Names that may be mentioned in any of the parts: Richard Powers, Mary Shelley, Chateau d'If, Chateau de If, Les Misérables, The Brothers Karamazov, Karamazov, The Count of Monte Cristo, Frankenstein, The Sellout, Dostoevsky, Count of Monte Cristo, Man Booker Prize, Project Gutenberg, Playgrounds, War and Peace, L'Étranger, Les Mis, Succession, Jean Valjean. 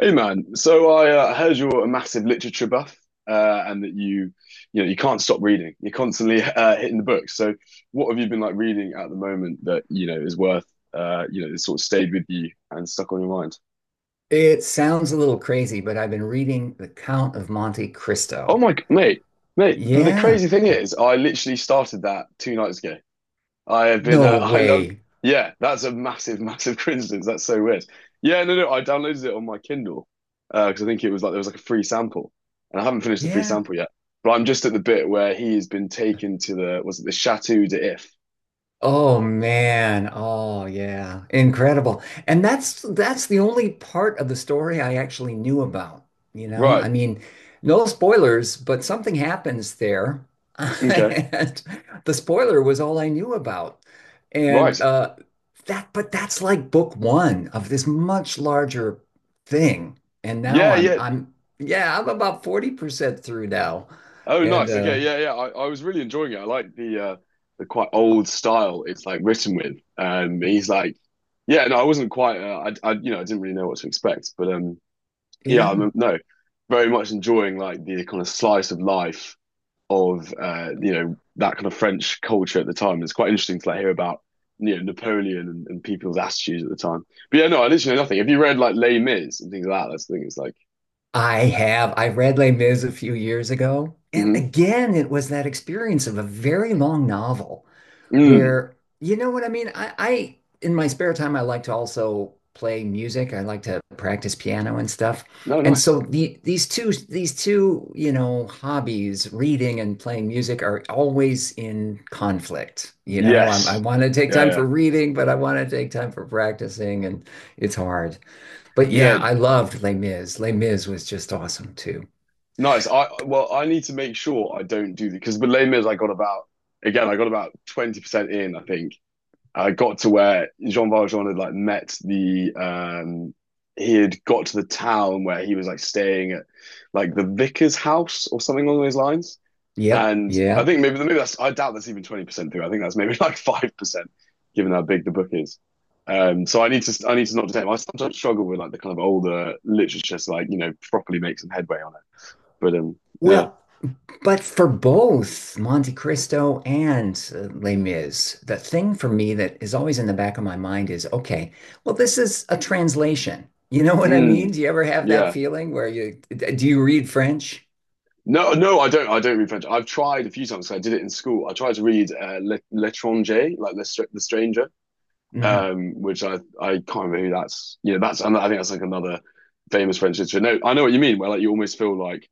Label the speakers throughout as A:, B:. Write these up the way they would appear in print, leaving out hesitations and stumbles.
A: Hey man, so I heard you're a massive literature buff, and that you can't stop reading. You're constantly hitting the books. So, what have you been like reading at the moment that you know is worth, that sort of stayed with you and stuck on your mind?
B: It sounds a little crazy, but I've been reading The Count of Monte Cristo.
A: Oh my, mate. The
B: Yeah.
A: crazy thing is, I literally started that 2 nights ago. I have been.
B: No
A: I
B: way.
A: yeah, that's a massive, massive coincidence. That's so weird. Yeah, no, no, I downloaded it on my Kindle because I think it was like there was like a free sample, and I haven't finished the free
B: Yeah.
A: sample yet. But I'm just at the bit where he has been taken to the was it the Chateau de If?
B: Oh man. Oh yeah. Incredible. And that's the only part of the story I actually knew about, you know?
A: Right.
B: I mean, no spoilers, but something happens there.
A: Okay.
B: And the spoiler was all I knew about.
A: Right.
B: And that but that's like book one of this much larger thing. And now
A: Yeah. Yeah.
B: I'm about 40% through now.
A: Oh,
B: And
A: nice. Okay. Yeah. Yeah. I was really enjoying it. I like the quite old style it's like written with. He's like, yeah. No, I wasn't quite. I you know I didn't really know what to expect, but. Yeah,
B: yeah.
A: I'm no, very much enjoying like the kind of slice of life of you know that kind of French culture at the time. It's quite interesting to like hear about you know Napoleon and people's attitudes at the time. But yeah, no, I literally know nothing. Have you read like Les Mis and things like that? That's the thing. It's like,
B: I have. I read Les Mis a few years ago, and
A: mhm.
B: again, it was that experience of a very long novel
A: Mm.
B: where you know what I mean? I in my spare time I like to also play music. I like to practice piano and stuff.
A: No,
B: And
A: nice.
B: so these two you know, hobbies, reading and playing music are always in conflict. You know, I
A: Yes.
B: want to take
A: Yeah,
B: time
A: yeah,
B: for reading, but I want to take time for practicing and it's hard. But yeah,
A: yeah.
B: I loved Les Mis. Les Mis was just awesome too.
A: Nice. I Well, I need to make sure I don't do the because with Les Mis I got about again I got about 20% in I think, got to where Jean Valjean had like met the he had got to the town where he was like staying at like the vicar's house or something along those lines.
B: Yep.
A: And I
B: Yeah.
A: think maybe that's I doubt that's even 20% through. I think that's maybe like 5%, given how big the book is. So I need to not detect. I sometimes struggle with like the kind of older literature to like you know properly make some headway on it. But yeah,
B: Well, but for both Monte Cristo and Les Mis, the thing for me that is always in the back of my mind is, okay, well, this is a translation. You know what I
A: mm,
B: mean? Do you ever have that
A: yeah.
B: feeling where you do you read French?
A: No, no, I don't. I don't read French. I've tried a few times. I did it in school. I tried to read L'Étranger, like the Stranger,
B: Hmm.
A: which I can't remember who that's. Yeah, that's. I think that's like another famous French literature. No, I know what you mean. Where like you almost feel like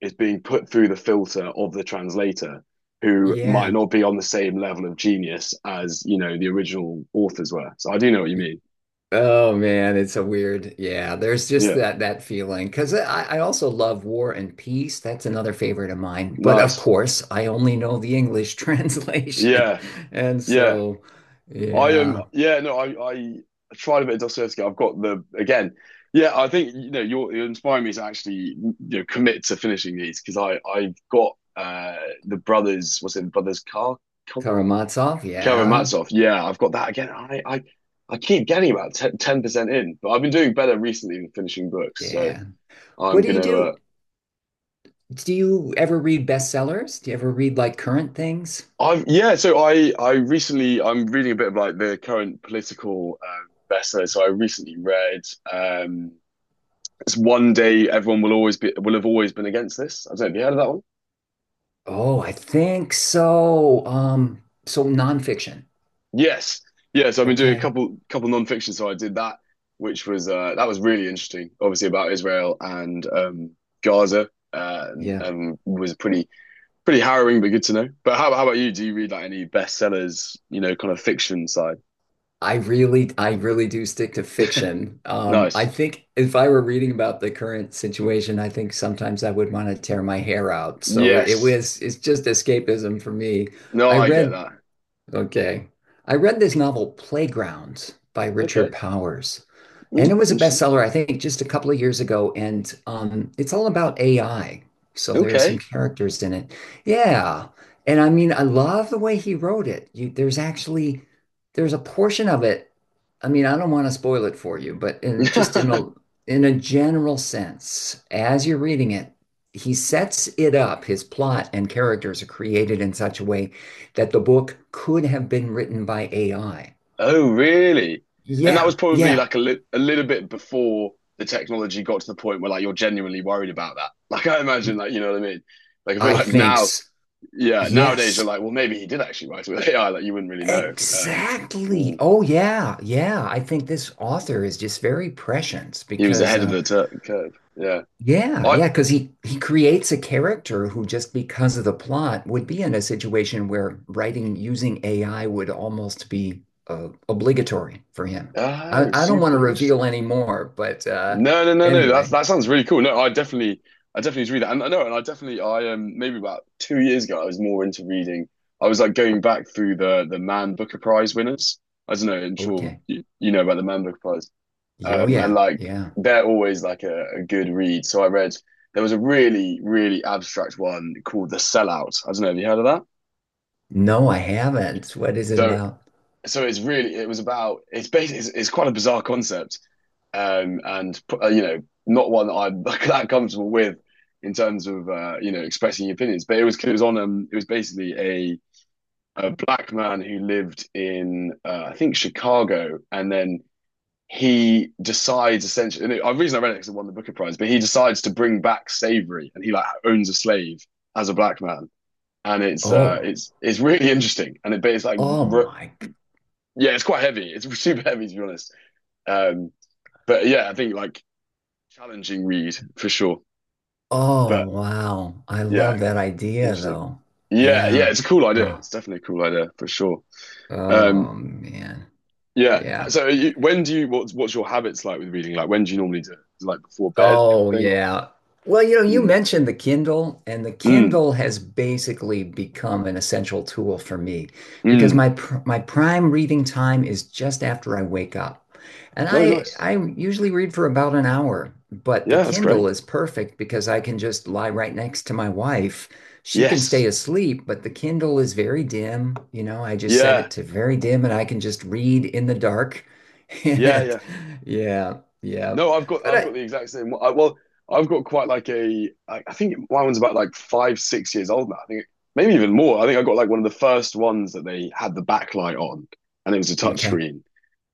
A: it's being put through the filter of the translator, who might
B: Yeah.
A: not be on the same level of genius as you know the original authors were. So I do know what you mean.
B: Oh man, it's a weird. Yeah, there's just
A: Yeah,
B: that feeling because I also love War and Peace. That's another favorite of mine. But of
A: nice.
B: course, I only know the English translation,
A: Yeah,
B: and
A: yeah.
B: so
A: I am,
B: yeah.
A: yeah, no, I tried a bit of Dostoevsky. I've got the, again, yeah, I think, you know, you're inspiring me to actually, you know, commit to finishing these because I've got the brothers, what's it, brothers Kar-
B: Karamazov, yeah.
A: Karamazov. Yeah, I've got that again. I keep getting about 10, 10% in, but I've been doing better recently than finishing books. So
B: Yeah.
A: I'm
B: What do
A: going
B: you
A: to,
B: do? Do you ever read bestsellers? Do you ever read like current things?
A: I've, yeah, so I recently, I'm reading a bit of like the current political, bestseller. So I recently read, um, it's one day everyone will always be will have always been against this. I don't know, have you heard of that one?
B: Oh, I think so. So nonfiction.
A: Yes. Yeah, so I've been doing a
B: Okay.
A: couple non-fiction. So I did that, which was really interesting, obviously about Israel and Gaza. Uh, and,
B: Yeah.
A: and was pretty harrowing but good to know. But how about you? Do you read like any bestsellers, you know, kind of fiction side?
B: I really do stick to fiction. I
A: Nice.
B: think if I were reading about the current situation, I think sometimes I would want to tear my hair out. So
A: Yes.
B: it's just escapism for me.
A: No,
B: I
A: I get
B: read,
A: that.
B: okay. I read this novel, Playgrounds by Richard
A: Okay.
B: Powers. And
A: Mm,
B: it was a
A: interesting.
B: bestseller, I think, just a couple of years ago. And it's all about AI. So there are some
A: Okay.
B: characters in it. Yeah. And I mean, I love the way he wrote it. You, there's actually there's a portion of it. I mean, I don't want to spoil it for you, but in, just in a general sense, as you're reading it, he sets it up. His plot and characters are created in such a way that the book could have been written by AI.
A: Oh, really? And that was
B: Yeah,
A: probably
B: yeah.
A: like a little bit before the technology got to the point where like you're genuinely worried about that. Like I imagine, like you know what I mean? Like I feel
B: I
A: like
B: think.
A: now, yeah, nowadays you're
B: Yes,
A: like, well, maybe he did actually write it with AI. Like you wouldn't really know. Um,
B: exactly.
A: mm.
B: Oh yeah, yeah. I think this author is just very prescient
A: He was
B: because
A: ahead of
B: uh
A: the tur curve. Yeah.
B: yeah,
A: I
B: yeah, because he creates a character who just because of the plot would be in a situation where writing using AI would almost be obligatory for him.
A: Oh,
B: I don't want
A: super
B: to reveal
A: interesting.
B: any more, but
A: No, no, no, no. That's
B: anyway.
A: that sounds really cool. No, I definitely need to read that, and I know, and I definitely, I maybe about 2 years ago, I was more into reading. I was like going back through the Man Booker Prize winners. I don't know, I'm sure
B: Okay.
A: you know about the Man Booker Prize,
B: Oh
A: and
B: yeah,
A: like
B: yeah.
A: they're always like a good read. So I read there was a really, really abstract one called The Sellout. I don't know, have you heard of that?
B: No, I haven't. What is it
A: So,
B: about?
A: so it's really, it was about, it's basically, it's quite a bizarre concept. Um, and you know, not one that I'm that comfortable with in terms of you know expressing opinions. But it was on it was basically a black man who lived in I think Chicago, and then he decides essentially. And the reason I read it because it won the Booker Prize, but he decides to bring back slavery, and he like owns a slave as a black man, and it's uh,
B: Oh,
A: it's it's really interesting, and it but it's like
B: oh my.
A: yeah, it's quite heavy. It's super heavy to be honest. Um, but yeah, I think like challenging read for sure.
B: Oh,
A: But
B: wow. I
A: yeah,
B: love that idea
A: interesting.
B: though.
A: Yeah, yeah,
B: Yeah.
A: it's a cool idea.
B: Oh,
A: It's definitely a cool idea for sure. Um,
B: oh man.
A: yeah.
B: Yeah.
A: So, you, when do you what's your habits like with reading? Like, when do you normally do it? Is it like before bed kind of
B: Oh,
A: thing? Or
B: yeah. Well, you know, you
A: mm,
B: mentioned the Kindle, and the
A: mm,
B: Kindle has basically become an essential tool for me because
A: mm.
B: my prime reading time is just after I wake up. And
A: No,
B: I
A: nice.
B: I usually read for about an hour, but the
A: Yeah, that's great.
B: Kindle is perfect because I can just lie right next to my wife. She can stay
A: Yes.
B: asleep, but the Kindle is very dim. You know, I just set
A: Yeah.
B: it to very dim and I can just read in the dark.
A: Yeah.
B: And
A: Yeah.
B: yeah, yeah.
A: No, I've got
B: But
A: I've got
B: I.
A: the exact same. Well, I've got quite like a. I think my one's about like 5, 6 years old now. I think maybe even more. I think I got like one of the first ones that they had the backlight on, and it was a
B: Okay.
A: touchscreen.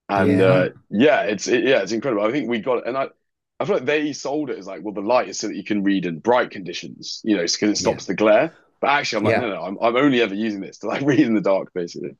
A: And
B: Yeah.
A: yeah, yeah, it's incredible. I think we got it, and I. I feel like they sold it as like, well, the light is so that you can read in bright conditions, you know, because it
B: Yeah.
A: stops the glare. But actually, I'm like, no,
B: Yeah.
A: no, I'm only ever using this to like read in the dark, basically.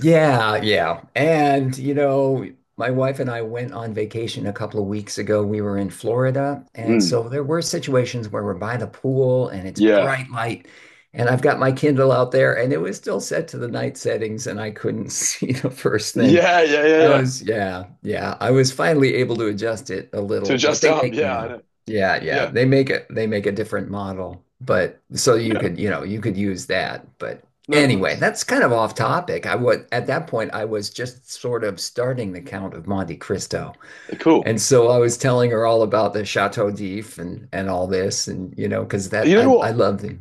B: Yeah, yeah. And, you know, my wife and I went on vacation a couple of weeks ago. We were in Florida. And
A: Mm,
B: so there were situations where we're by the pool and it's
A: yeah,
B: bright light. And I've got my Kindle out there and it was still set to the night settings and I couldn't see the first thing.
A: yeah, yeah, yeah,
B: I
A: yeah.
B: was, yeah, yeah. I was finally able to adjust it a
A: To
B: little, but
A: adjust it
B: they
A: up,
B: make, you
A: yeah, I
B: know,
A: know.
B: yeah, yeah.
A: Yeah,
B: They make a different model. But so you
A: yeah.
B: could, you know, you could use that. But
A: No,
B: anyway,
A: nice.
B: that's kind of off topic. I was at that point, I was just sort of starting the Count of Monte Cristo.
A: Cool.
B: And so I was telling her all about the Chateau d'If and all this and you know, because that
A: You know
B: I
A: what?
B: love the.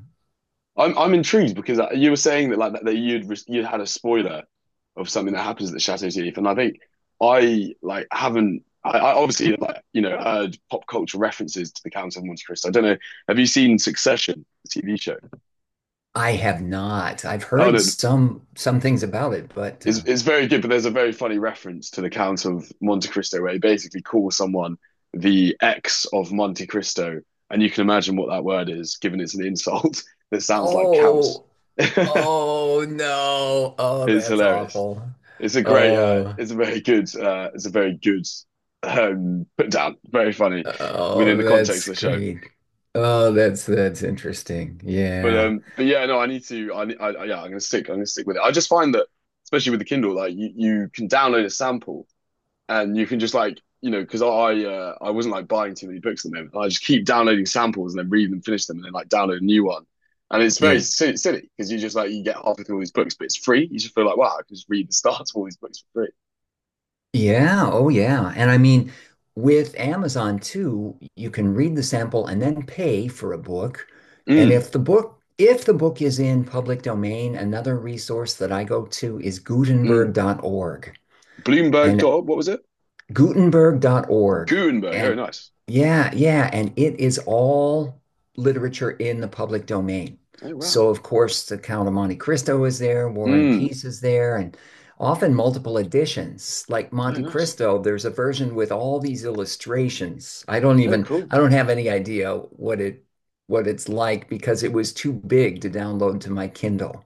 A: I'm intrigued because you were saying that that you'd had a spoiler of something that happens at the Chateau d'If, and I think I like haven't. I obviously like you know heard pop culture references to the Count of Monte Cristo. I don't know. Have you seen Succession, the TV show?
B: I have not. I've
A: Oh
B: heard
A: no,
B: some things about it, but
A: it's it's very good, but there's a very funny reference to the Count of Monte Cristo where he basically calls someone the ex of Monte Cristo, and you can imagine what that word is, given it's an insult that sounds like counts.
B: oh, oh no. Oh,
A: It's
B: that's
A: hilarious.
B: awful.
A: It's a great,
B: Oh,
A: it's a very good, it's a very good put down. Very funny
B: oh,
A: within the context
B: that's
A: of the show.
B: great. Oh, that's interesting.
A: But
B: Yeah.
A: but yeah, no, I need to. Yeah, I'm gonna stick. I'm gonna stick with it. I just find that, especially with the Kindle, like you can download a sample and you can just like you know because I wasn't like buying too many books at the moment. I just keep downloading samples and then read them, finish them, and then like download a new one. And it's very
B: Yeah.
A: silly because you just like you get halfway through all these books, but it's free. You just feel like wow, I can just read the start of all these books for free.
B: Yeah, oh yeah. And I mean, with Amazon too, you can read the sample and then pay for a book. And
A: Mm,
B: if the book is in public domain, another resource that I go to is
A: mm.
B: Gutenberg.org.
A: Bloomberg
B: And
A: dot what was it?
B: Gutenberg.org,
A: Gutenberg. Oh,
B: and
A: nice.
B: yeah, yeah, and it is all literature in the public domain.
A: Oh, wow.
B: So, of course, the Count of Monte Cristo is there, War and
A: Mm.
B: Peace is there, and often multiple editions. Like
A: Oh,
B: Monte
A: nice.
B: Cristo, there's a version with all these illustrations.
A: Oh, cool.
B: I don't have any idea what it what it's like because it was too big to download to my Kindle.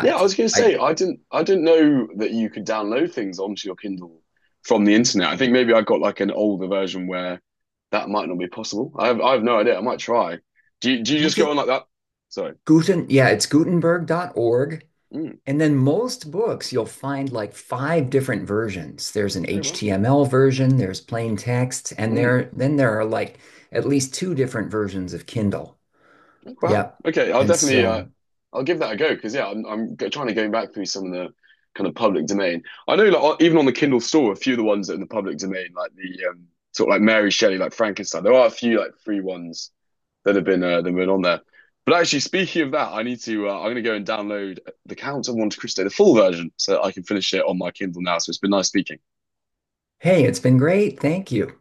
A: Yeah, I was going to say
B: I
A: I didn't know that you could download things onto your Kindle from the internet. I think maybe I got like an older version where that might not be possible. I have no idea. I might try. Do you just
B: look
A: go
B: at
A: on like that? Sorry.
B: Guten, yeah, it's Gutenberg.org.
A: Mm.
B: And then most books, you'll find like five different versions. There's an
A: Oh, wow.
B: HTML version, there's plain text, and
A: Mm.
B: there then there are like at least two different versions of Kindle.
A: Wow.
B: Yep.
A: Okay, I'll
B: And
A: definitely
B: so,
A: I'll give that a go because yeah, I'm trying to go back through some of the kind of public domain. I know like even on the Kindle store, a few of the ones that are in the public domain, like the sort of like Mary Shelley, like Frankenstein. There are a few like free ones that have been on there. But actually, speaking of that, I need to I'm going to go and download The Count of Monte Cristo, the full version, so that I can finish it on my Kindle now. So it's been nice speaking.
B: hey, it's been great. Thank you.